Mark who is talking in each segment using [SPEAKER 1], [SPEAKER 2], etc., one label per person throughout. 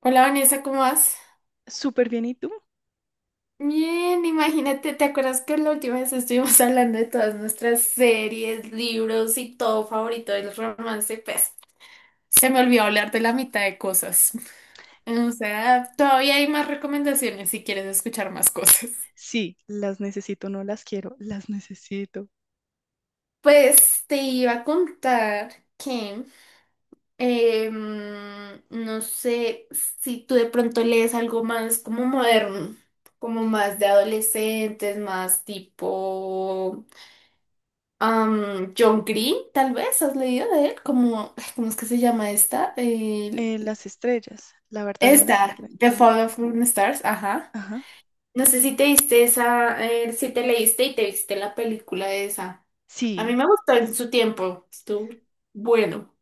[SPEAKER 1] Hola Vanessa, ¿cómo vas?
[SPEAKER 2] Súper bien, ¿y tú?
[SPEAKER 1] Bien, imagínate, ¿te acuerdas que la última vez estuvimos hablando de todas nuestras series, libros y todo favorito del romance? Pues se me olvidó hablar de la mitad de cosas. O sea, todavía hay más recomendaciones si quieres escuchar más cosas.
[SPEAKER 2] Sí, las necesito, no las quiero, las necesito.
[SPEAKER 1] Pues te iba a contar que no sé si tú de pronto lees algo más como moderno, como más de adolescentes, más tipo John Green, tal vez, ¿has leído de él? Como, ay, ¿cómo es que se llama esta?
[SPEAKER 2] Las estrellas, la verdad en las
[SPEAKER 1] Esta,
[SPEAKER 2] estrellas,
[SPEAKER 1] The
[SPEAKER 2] ¿cómo
[SPEAKER 1] Fall
[SPEAKER 2] era?
[SPEAKER 1] of Fallen Stars, ajá.
[SPEAKER 2] Ajá.
[SPEAKER 1] No sé si te diste esa, si te leíste y te viste la película esa. A mí
[SPEAKER 2] Sí,
[SPEAKER 1] me gustó en su tiempo, estuvo bueno.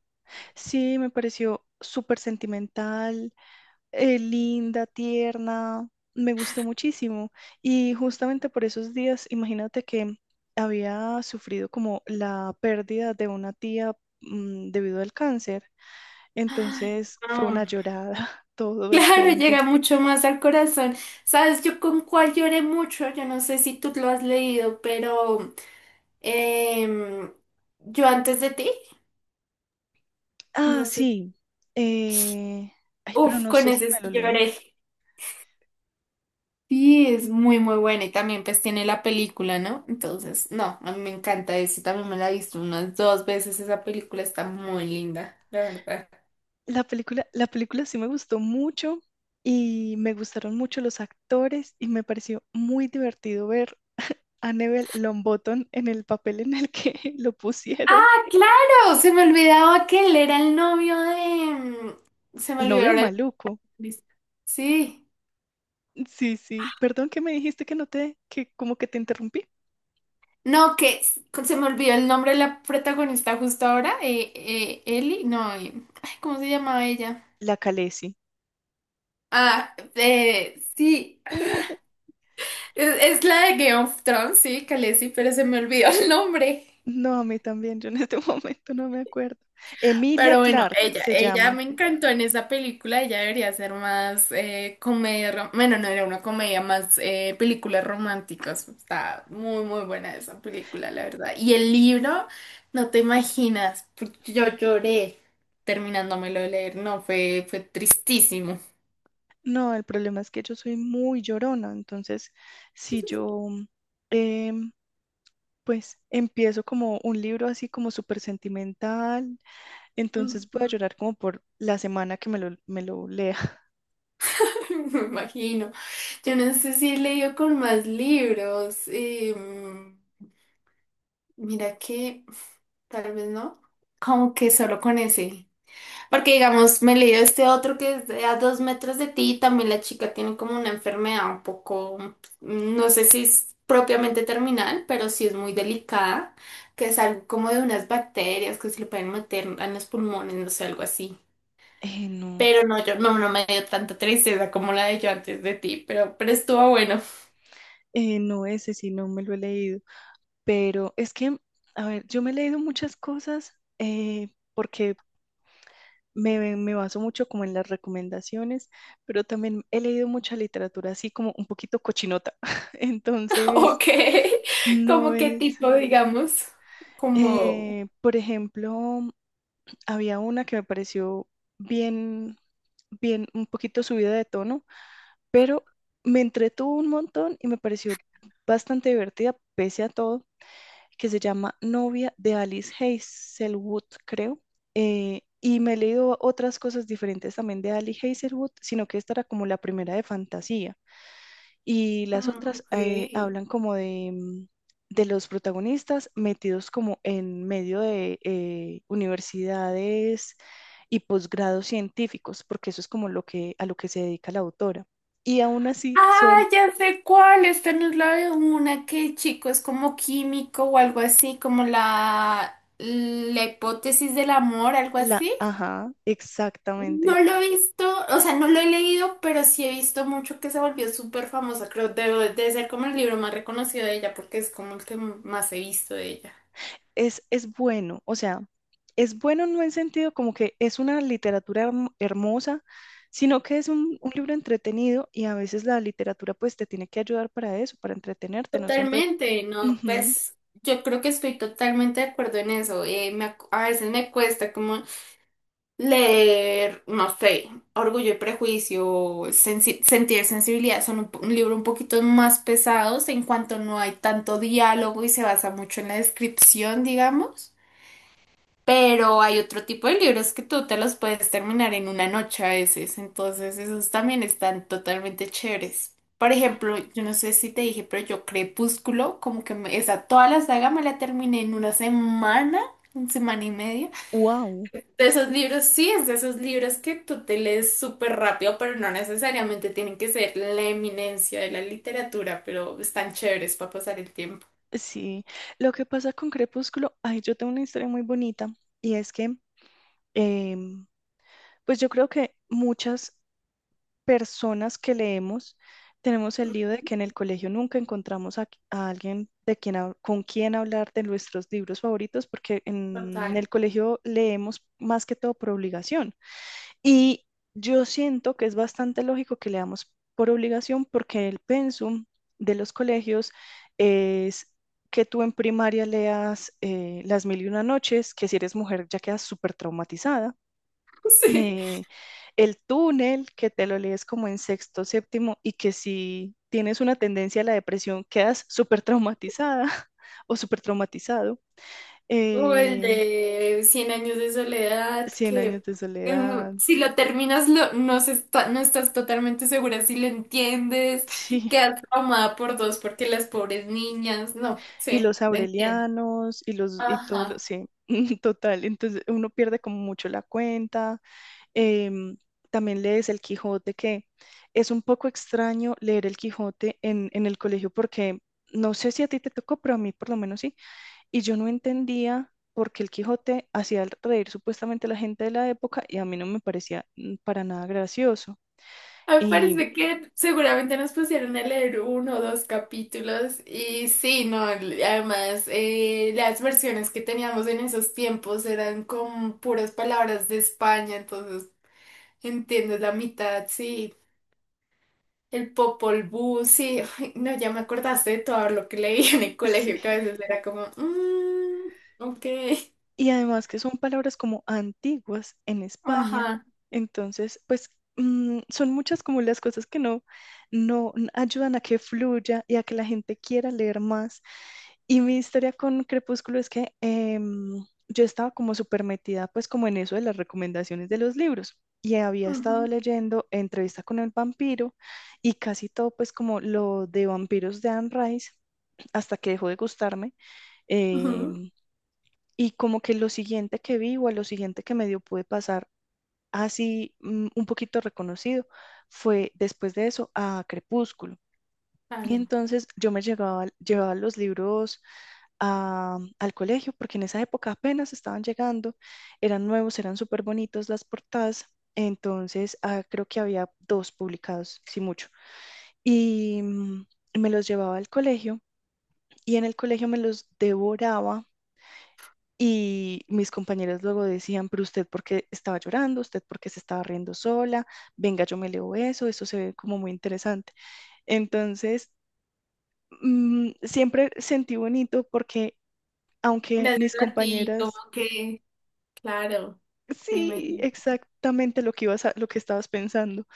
[SPEAKER 2] sí, me pareció súper sentimental, linda, tierna, me gustó muchísimo. Y justamente por esos días, imagínate que había sufrido como la pérdida de una tía, debido al cáncer.
[SPEAKER 1] Ay,
[SPEAKER 2] Entonces fue
[SPEAKER 1] no.
[SPEAKER 2] una llorada todo el
[SPEAKER 1] Claro,
[SPEAKER 2] tiempo.
[SPEAKER 1] llega mucho más al corazón. ¿Sabes yo con cuál lloré mucho? Yo no sé si tú lo has leído, pero em, yo antes de ti,
[SPEAKER 2] Ah,
[SPEAKER 1] no sé.
[SPEAKER 2] sí. eh, Ay, pero
[SPEAKER 1] Uf,
[SPEAKER 2] no
[SPEAKER 1] con
[SPEAKER 2] sé si
[SPEAKER 1] ese
[SPEAKER 2] me lo
[SPEAKER 1] sí
[SPEAKER 2] leí.
[SPEAKER 1] lloré. Sí, es muy, muy buena y también pues tiene la película, ¿no? Entonces, no, a mí me encanta eso, también me la he visto unas dos veces, esa película está muy linda, la verdad.
[SPEAKER 2] La película sí me gustó mucho y me gustaron mucho los actores y me pareció muy divertido ver a Neville Longbottom en el papel en el que lo pusieron.
[SPEAKER 1] Ah, claro, se me olvidaba que él era el novio de... Se me
[SPEAKER 2] El
[SPEAKER 1] olvidó
[SPEAKER 2] novio
[SPEAKER 1] ahora el...
[SPEAKER 2] maluco.
[SPEAKER 1] Sí,
[SPEAKER 2] Sí, sí. Perdón que me dijiste que no te, que como que te interrumpí.
[SPEAKER 1] no, que se me olvidó el nombre de la protagonista justo ahora, Ellie, no, ay, ¿cómo se llamaba ella?
[SPEAKER 2] La Khaleesi.
[SPEAKER 1] Ah, sí, es la de Game of Thrones, sí, Khaleesi, pero se me olvidó el nombre.
[SPEAKER 2] No, a mí también, yo en este momento no me acuerdo. Emilia
[SPEAKER 1] Pero bueno,
[SPEAKER 2] Clarke se
[SPEAKER 1] ella
[SPEAKER 2] llama.
[SPEAKER 1] me encantó en esa película, ella debería ser más comedia, bueno, no era una comedia, más películas románticas. Está muy, muy buena esa película, la verdad. Y el libro, no te imaginas, porque yo lloré terminándomelo de leer, no, fue tristísimo.
[SPEAKER 2] No, el problema es que yo soy muy llorona, entonces si yo em, pues empiezo como un libro así como súper sentimental, entonces voy a
[SPEAKER 1] Ujú.
[SPEAKER 2] llorar como por la semana que me lo lea.
[SPEAKER 1] Me imagino. Yo no sé si he leído con más libros. Mira que tal vez no. Como que solo con ese. Porque, digamos, me leí este otro que es de a dos metros de ti y también la chica tiene como una enfermedad un poco, no sé si es propiamente terminal, pero sí es muy delicada, que es algo como de unas bacterias que se le pueden meter en los pulmones, no sé, algo así.
[SPEAKER 2] No,
[SPEAKER 1] Pero no, yo no, no me dio tanta tristeza como la de yo antes de ti, pero estuvo bueno.
[SPEAKER 2] no ese sí, no me lo he leído, pero es que, a ver, yo me he leído muchas cosas, eh, porque me baso mucho como en las recomendaciones, pero también he leído mucha literatura así como un poquito cochinota, entonces...
[SPEAKER 1] Ok,
[SPEAKER 2] No
[SPEAKER 1] como qué
[SPEAKER 2] es.
[SPEAKER 1] tipo, digamos, como...
[SPEAKER 2] Por ejemplo, había una que me pareció bien, bien, un poquito subida de tono, pero me entretuvo un montón y me pareció bastante divertida, pese a todo, que se llama Novia de Alice Hazelwood, creo. Y me he leído otras cosas diferentes también de Alice Hazelwood, sino que esta era como la primera de fantasía. Y las otras
[SPEAKER 1] Ok.
[SPEAKER 2] hablan como de los protagonistas metidos como en medio de universidades y posgrados científicos, porque eso es como a lo que se dedica la autora. Y aún así
[SPEAKER 1] Ah,
[SPEAKER 2] son
[SPEAKER 1] ya sé cuál. Esta no es la de una que el chico es como químico o algo así, como la hipótesis del amor, algo
[SPEAKER 2] la,
[SPEAKER 1] así.
[SPEAKER 2] ajá,
[SPEAKER 1] No
[SPEAKER 2] exactamente.
[SPEAKER 1] lo he visto, o sea, no lo he leído, pero sí he visto mucho que se volvió súper famosa. Creo que debe ser como el libro más reconocido de ella, porque es como el que más he visto de ella.
[SPEAKER 2] Es bueno, o sea, es bueno no en sentido como que es una literatura hermosa, sino que es un libro entretenido y a veces la literatura pues te tiene que ayudar para eso, para entretenerte, no siempre.
[SPEAKER 1] Totalmente, ¿no?
[SPEAKER 2] Ujú.
[SPEAKER 1] Pues yo creo que estoy totalmente de acuerdo en eso. A veces me cuesta como leer, no sé, Orgullo y Prejuicio, Sentir Sensibilidad son un, un libro un poquito más pesados en cuanto no hay tanto diálogo y se basa mucho en la descripción, digamos. Pero hay otro tipo de libros que tú te los puedes terminar en una noche a veces, entonces esos también están totalmente chéveres. Por ejemplo, yo no sé si te dije, pero yo Crepúsculo, como que esa toda la saga me la terminé en una semana y media.
[SPEAKER 2] Wow.
[SPEAKER 1] De esos libros, sí, es de esos libros que tú te lees súper rápido, pero no necesariamente tienen que ser la eminencia de la literatura, pero están chéveres para pasar el tiempo.
[SPEAKER 2] Sí, lo que pasa con Crepúsculo, ay, yo tengo una historia muy bonita y es que em, pues yo creo que muchas personas que leemos tenemos el lío de que en el colegio nunca encontramos a alguien con quien hablar de nuestros libros favoritos porque en
[SPEAKER 1] Total.
[SPEAKER 2] el colegio leemos más que todo por obligación. Y yo siento que es bastante lógico que leamos por obligación porque el pensum de los colegios es que tú en primaria leas Las Mil y Una Noches, que si eres mujer ya quedas súper traumatizada.
[SPEAKER 1] Sí.
[SPEAKER 2] eh, el túnel, que te lo lees como en sexto, séptimo, y que si tienes una tendencia a la depresión, quedas súper traumatizada o súper traumatizado.
[SPEAKER 1] O el
[SPEAKER 2] eh,
[SPEAKER 1] de Cien años de soledad,
[SPEAKER 2] Cien años
[SPEAKER 1] que
[SPEAKER 2] de soledad,
[SPEAKER 1] si lo terminas no, no estás totalmente segura si lo entiendes,
[SPEAKER 2] sí,
[SPEAKER 1] quedas traumada por dos porque las pobres niñas, no,
[SPEAKER 2] y
[SPEAKER 1] sí,
[SPEAKER 2] los
[SPEAKER 1] te entiendo.
[SPEAKER 2] aurelianos y todos los,
[SPEAKER 1] Ajá.
[SPEAKER 2] sí, total. Entonces uno pierde como mucho la cuenta. Em, También lees el Quijote, que es un poco extraño leer el Quijote en el colegio porque no sé si a ti te tocó, pero a mí por lo menos sí. Y yo no entendía por qué el Quijote hacía reír supuestamente a la gente de la época y a mí no me parecía para nada gracioso.
[SPEAKER 1] Me
[SPEAKER 2] Y
[SPEAKER 1] parece que seguramente nos pusieron a leer uno o dos capítulos y sí, no, además las versiones que teníamos en esos tiempos eran con puras palabras de España, entonces entiendes la mitad, sí, el Popol Vuh, sí, ay, no, ya me acordaste de todo lo que leí en el colegio,
[SPEAKER 2] sí.
[SPEAKER 1] que a veces era como, ok,
[SPEAKER 2] Y además que son palabras como antiguas en España.
[SPEAKER 1] ajá,
[SPEAKER 2] Entonces, pues son muchas como las cosas que no ayudan a que fluya y a que la gente quiera leer más. Y mi historia con Crepúsculo es que yo estaba como súper metida pues como en eso de las recomendaciones de los libros. Y había estado
[SPEAKER 1] ujú,
[SPEAKER 2] leyendo Entrevista con el vampiro y casi todo pues como lo de vampiros de Anne Rice hasta que dejó de gustarme.
[SPEAKER 1] ujú,
[SPEAKER 2] em, y como que lo siguiente que vi o a lo siguiente que medio pude pasar así un poquito reconocido fue después de eso a Crepúsculo. Y
[SPEAKER 1] claro,
[SPEAKER 2] entonces yo me llevaba los libros al colegio porque en esa época apenas estaban llegando, eran nuevos, eran súper bonitos las portadas. Entonces creo que había dos publicados, si mucho. Y me los llevaba al colegio y en el colegio me los devoraba. Y mis compañeras luego decían, pero usted por qué estaba llorando, usted por qué se estaba riendo sola, venga, yo me leo eso, eso se ve como muy interesante. Entonces, siempre sentí bonito porque aunque
[SPEAKER 1] gracias
[SPEAKER 2] mis
[SPEAKER 1] a ti, como
[SPEAKER 2] compañeras,
[SPEAKER 1] que, claro, me
[SPEAKER 2] sí,
[SPEAKER 1] imagino.
[SPEAKER 2] exactamente lo que lo que estabas pensando,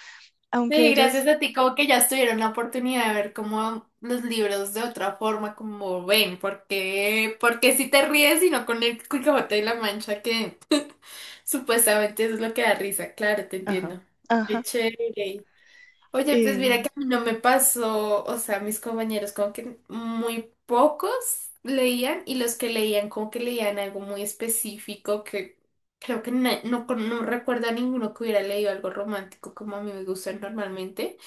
[SPEAKER 2] aunque
[SPEAKER 1] Sí,
[SPEAKER 2] ellas,
[SPEAKER 1] gracias a ti, como que ya estuvieron la oportunidad de ver como los libros de otra forma, como ven, porque si te ríes y no con el Quijote y la Mancha, que supuestamente eso es lo que da risa, claro, te
[SPEAKER 2] ajá,
[SPEAKER 1] entiendo. Qué
[SPEAKER 2] ajá,
[SPEAKER 1] chévere. Oye, pues
[SPEAKER 2] eh,
[SPEAKER 1] mira que a mí no me pasó, o sea, mis compañeros como que muy pocos leían y los que leían como que leían algo muy específico que creo que no, no recuerdo a ninguno que hubiera leído algo romántico como a mí me gusta normalmente.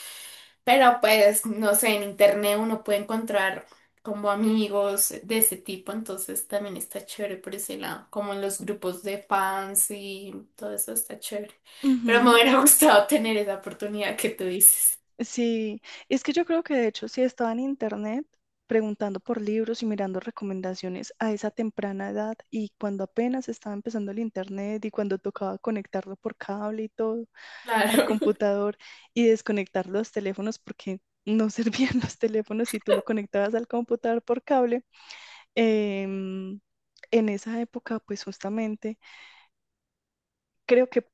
[SPEAKER 1] Pero pues, no sé, en internet uno puede encontrar como amigos de ese tipo, entonces también está chévere por ese lado, como en los grupos de fans y todo eso está chévere. Pero me
[SPEAKER 2] ujú.
[SPEAKER 1] hubiera gustado tener esa oportunidad que tú dices.
[SPEAKER 2] Sí, es que yo creo que de hecho sí estaba en internet preguntando por libros y mirando recomendaciones a esa temprana edad y cuando apenas estaba empezando el internet y cuando tocaba conectarlo por cable y todo al
[SPEAKER 1] Claro,
[SPEAKER 2] computador y desconectar los teléfonos porque no servían los teléfonos si tú lo conectabas al computador por cable. em, en esa época, pues justamente, creo que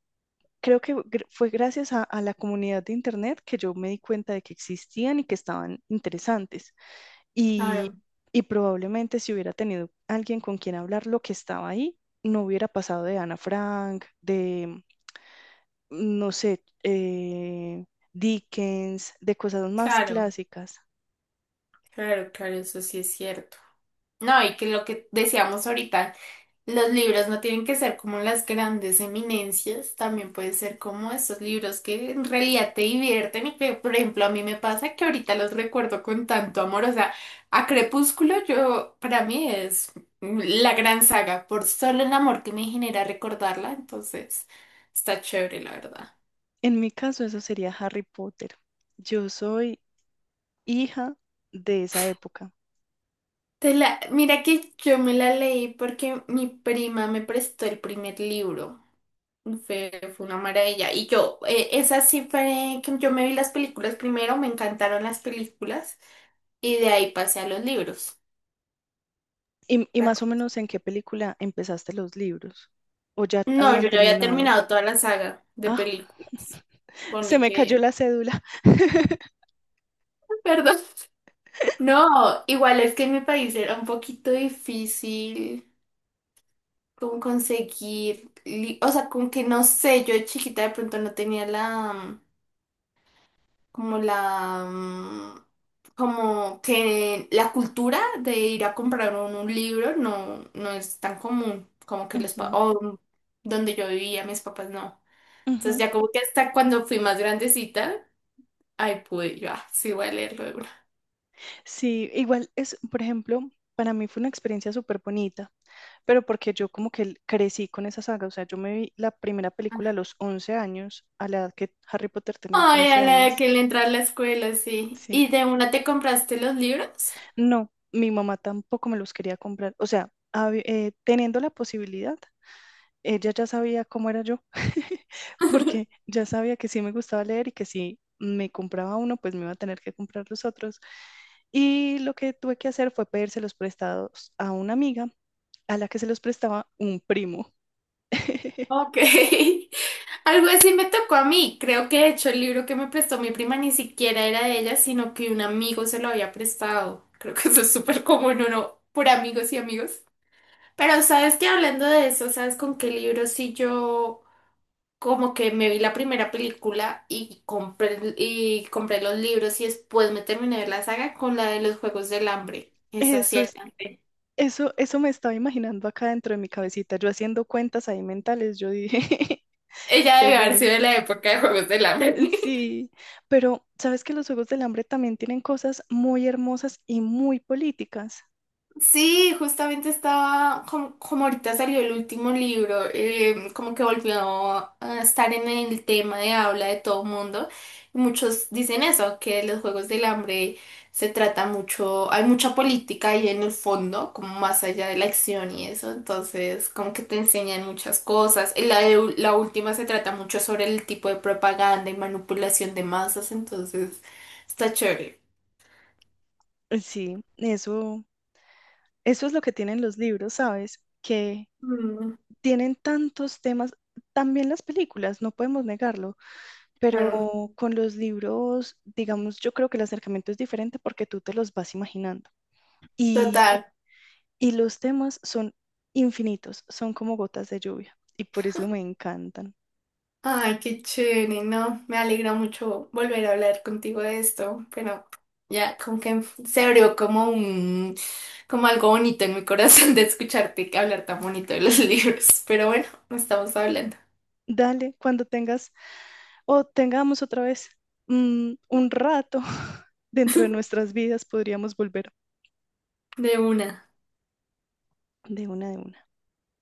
[SPEAKER 2] creo que fue gracias a la comunidad de Internet que yo me di cuenta de que existían y que estaban interesantes. Y,
[SPEAKER 1] claro,
[SPEAKER 2] y probablemente si hubiera tenido alguien con quien hablar lo que estaba ahí, no hubiera pasado de Ana Frank, de, no sé, Dickens, de cosas más
[SPEAKER 1] claro,
[SPEAKER 2] clásicas.
[SPEAKER 1] claro, eso sí es cierto. No, y que lo que decíamos ahorita. Los libros no tienen que ser como las grandes eminencias, también puede ser como esos libros que en realidad te divierten y que, por ejemplo, a mí me pasa que ahorita los recuerdo con tanto amor, o sea, a Crepúsculo yo, para mí es la gran saga, por solo el amor que me genera recordarla, entonces está chévere, la verdad.
[SPEAKER 2] En mi caso, eso sería Harry Potter. Yo soy hija de esa época.
[SPEAKER 1] Te la, mira que yo me la leí porque mi prima me prestó el primer libro. Fue una maravilla. Y yo, esa sí fue que yo me vi las películas primero, me encantaron las películas y de ahí pasé a los libros.
[SPEAKER 2] Y
[SPEAKER 1] La
[SPEAKER 2] más
[SPEAKER 1] co-
[SPEAKER 2] o menos en qué película empezaste los libros o ya
[SPEAKER 1] No,
[SPEAKER 2] habían
[SPEAKER 1] yo ya había
[SPEAKER 2] terminado.
[SPEAKER 1] terminado toda la saga de
[SPEAKER 2] Ah,
[SPEAKER 1] películas.
[SPEAKER 2] se
[SPEAKER 1] Ponle
[SPEAKER 2] me cayó
[SPEAKER 1] que,
[SPEAKER 2] la cédula.
[SPEAKER 1] perdón. No, igual es que en mi país era un poquito difícil como conseguir, o sea, como que no sé, yo de chiquita de pronto no tenía la como como que la cultura de ir a comprar un libro no, no es tan común, como que los,
[SPEAKER 2] Ujú,
[SPEAKER 1] donde yo vivía, mis papás no. Entonces
[SPEAKER 2] ujú.
[SPEAKER 1] ya como que hasta cuando fui más grandecita, ahí pude yo, ah, sí voy a leerlo de una.
[SPEAKER 2] Sí, igual es, por ejemplo, para mí fue una experiencia súper bonita, pero porque yo como que crecí con esa saga, o sea, yo me vi la primera película a los 11 años, a la edad que Harry Potter tenía
[SPEAKER 1] Ay, a
[SPEAKER 2] 11
[SPEAKER 1] la
[SPEAKER 2] años.
[SPEAKER 1] que le entra a la escuela, sí.
[SPEAKER 2] Sí,
[SPEAKER 1] ¿Y de una te compraste los libros?
[SPEAKER 2] no, mi mamá tampoco me los quería comprar, o sea, teniendo la posibilidad, ella ya sabía cómo era yo, porque ya sabía que sí me gustaba leer y que si me compraba uno, pues me iba a tener que comprar los otros. Y lo que tuve que hacer fue pedírselos prestados a una amiga a la que se los prestaba un primo.
[SPEAKER 1] Ok. Algo así me tocó a mí. Creo que de hecho el libro que me prestó mi prima ni siquiera era de ella, sino que un amigo se lo había prestado. Creo que eso es súper común, uno por amigos y amigos. Pero sabes que hablando de eso, ¿sabes con qué libro sí yo como que me vi la primera película y y compré los libros y después me terminé de ver la saga con la de los Juegos del Hambre? Esa sí
[SPEAKER 2] Eso es,
[SPEAKER 1] alcancé.
[SPEAKER 2] eso me estaba imaginando acá dentro de mi cabecita, yo haciendo cuentas ahí mentales, yo dije,
[SPEAKER 1] Ella debe haber
[SPEAKER 2] seguro.
[SPEAKER 1] sido de la época de Juegos del Hambre.
[SPEAKER 2] Sí, pero sabes que los Juegos del Hambre también tienen cosas muy hermosas y muy políticas.
[SPEAKER 1] Sí, justamente estaba, como, como ahorita salió el último libro, como que volvió a estar en el tema de habla de todo mundo. Y muchos dicen eso, que los Juegos del Hambre se trata mucho, hay mucha política ahí en el fondo, como más allá de la acción y eso. Entonces, como que te enseñan muchas cosas. Y la última se trata mucho sobre el tipo de propaganda y manipulación de masas, entonces está chévere.
[SPEAKER 2] Sí, eso, es lo que tienen los libros, ¿sabes? Que
[SPEAKER 1] Mm,
[SPEAKER 2] tienen tantos temas, también las películas, no podemos negarlo,
[SPEAKER 1] claro,
[SPEAKER 2] pero con los libros, digamos, yo creo que el acercamiento es diferente porque tú te los vas imaginando. Y,
[SPEAKER 1] total.
[SPEAKER 2] y los temas son infinitos, son como gotas de lluvia, y por eso me encantan.
[SPEAKER 1] Ay, qué chévere, ¿no? Me alegra mucho volver a hablar contigo de esto, pero ya como que se abrió como como algo bonito en mi corazón de escucharte hablar tan bonito de los libros. Pero bueno, no estamos hablando
[SPEAKER 2] Dale, cuando tengas o tengamos otra vez un rato dentro de nuestras vidas, podríamos volver
[SPEAKER 1] de una.
[SPEAKER 2] de una de una.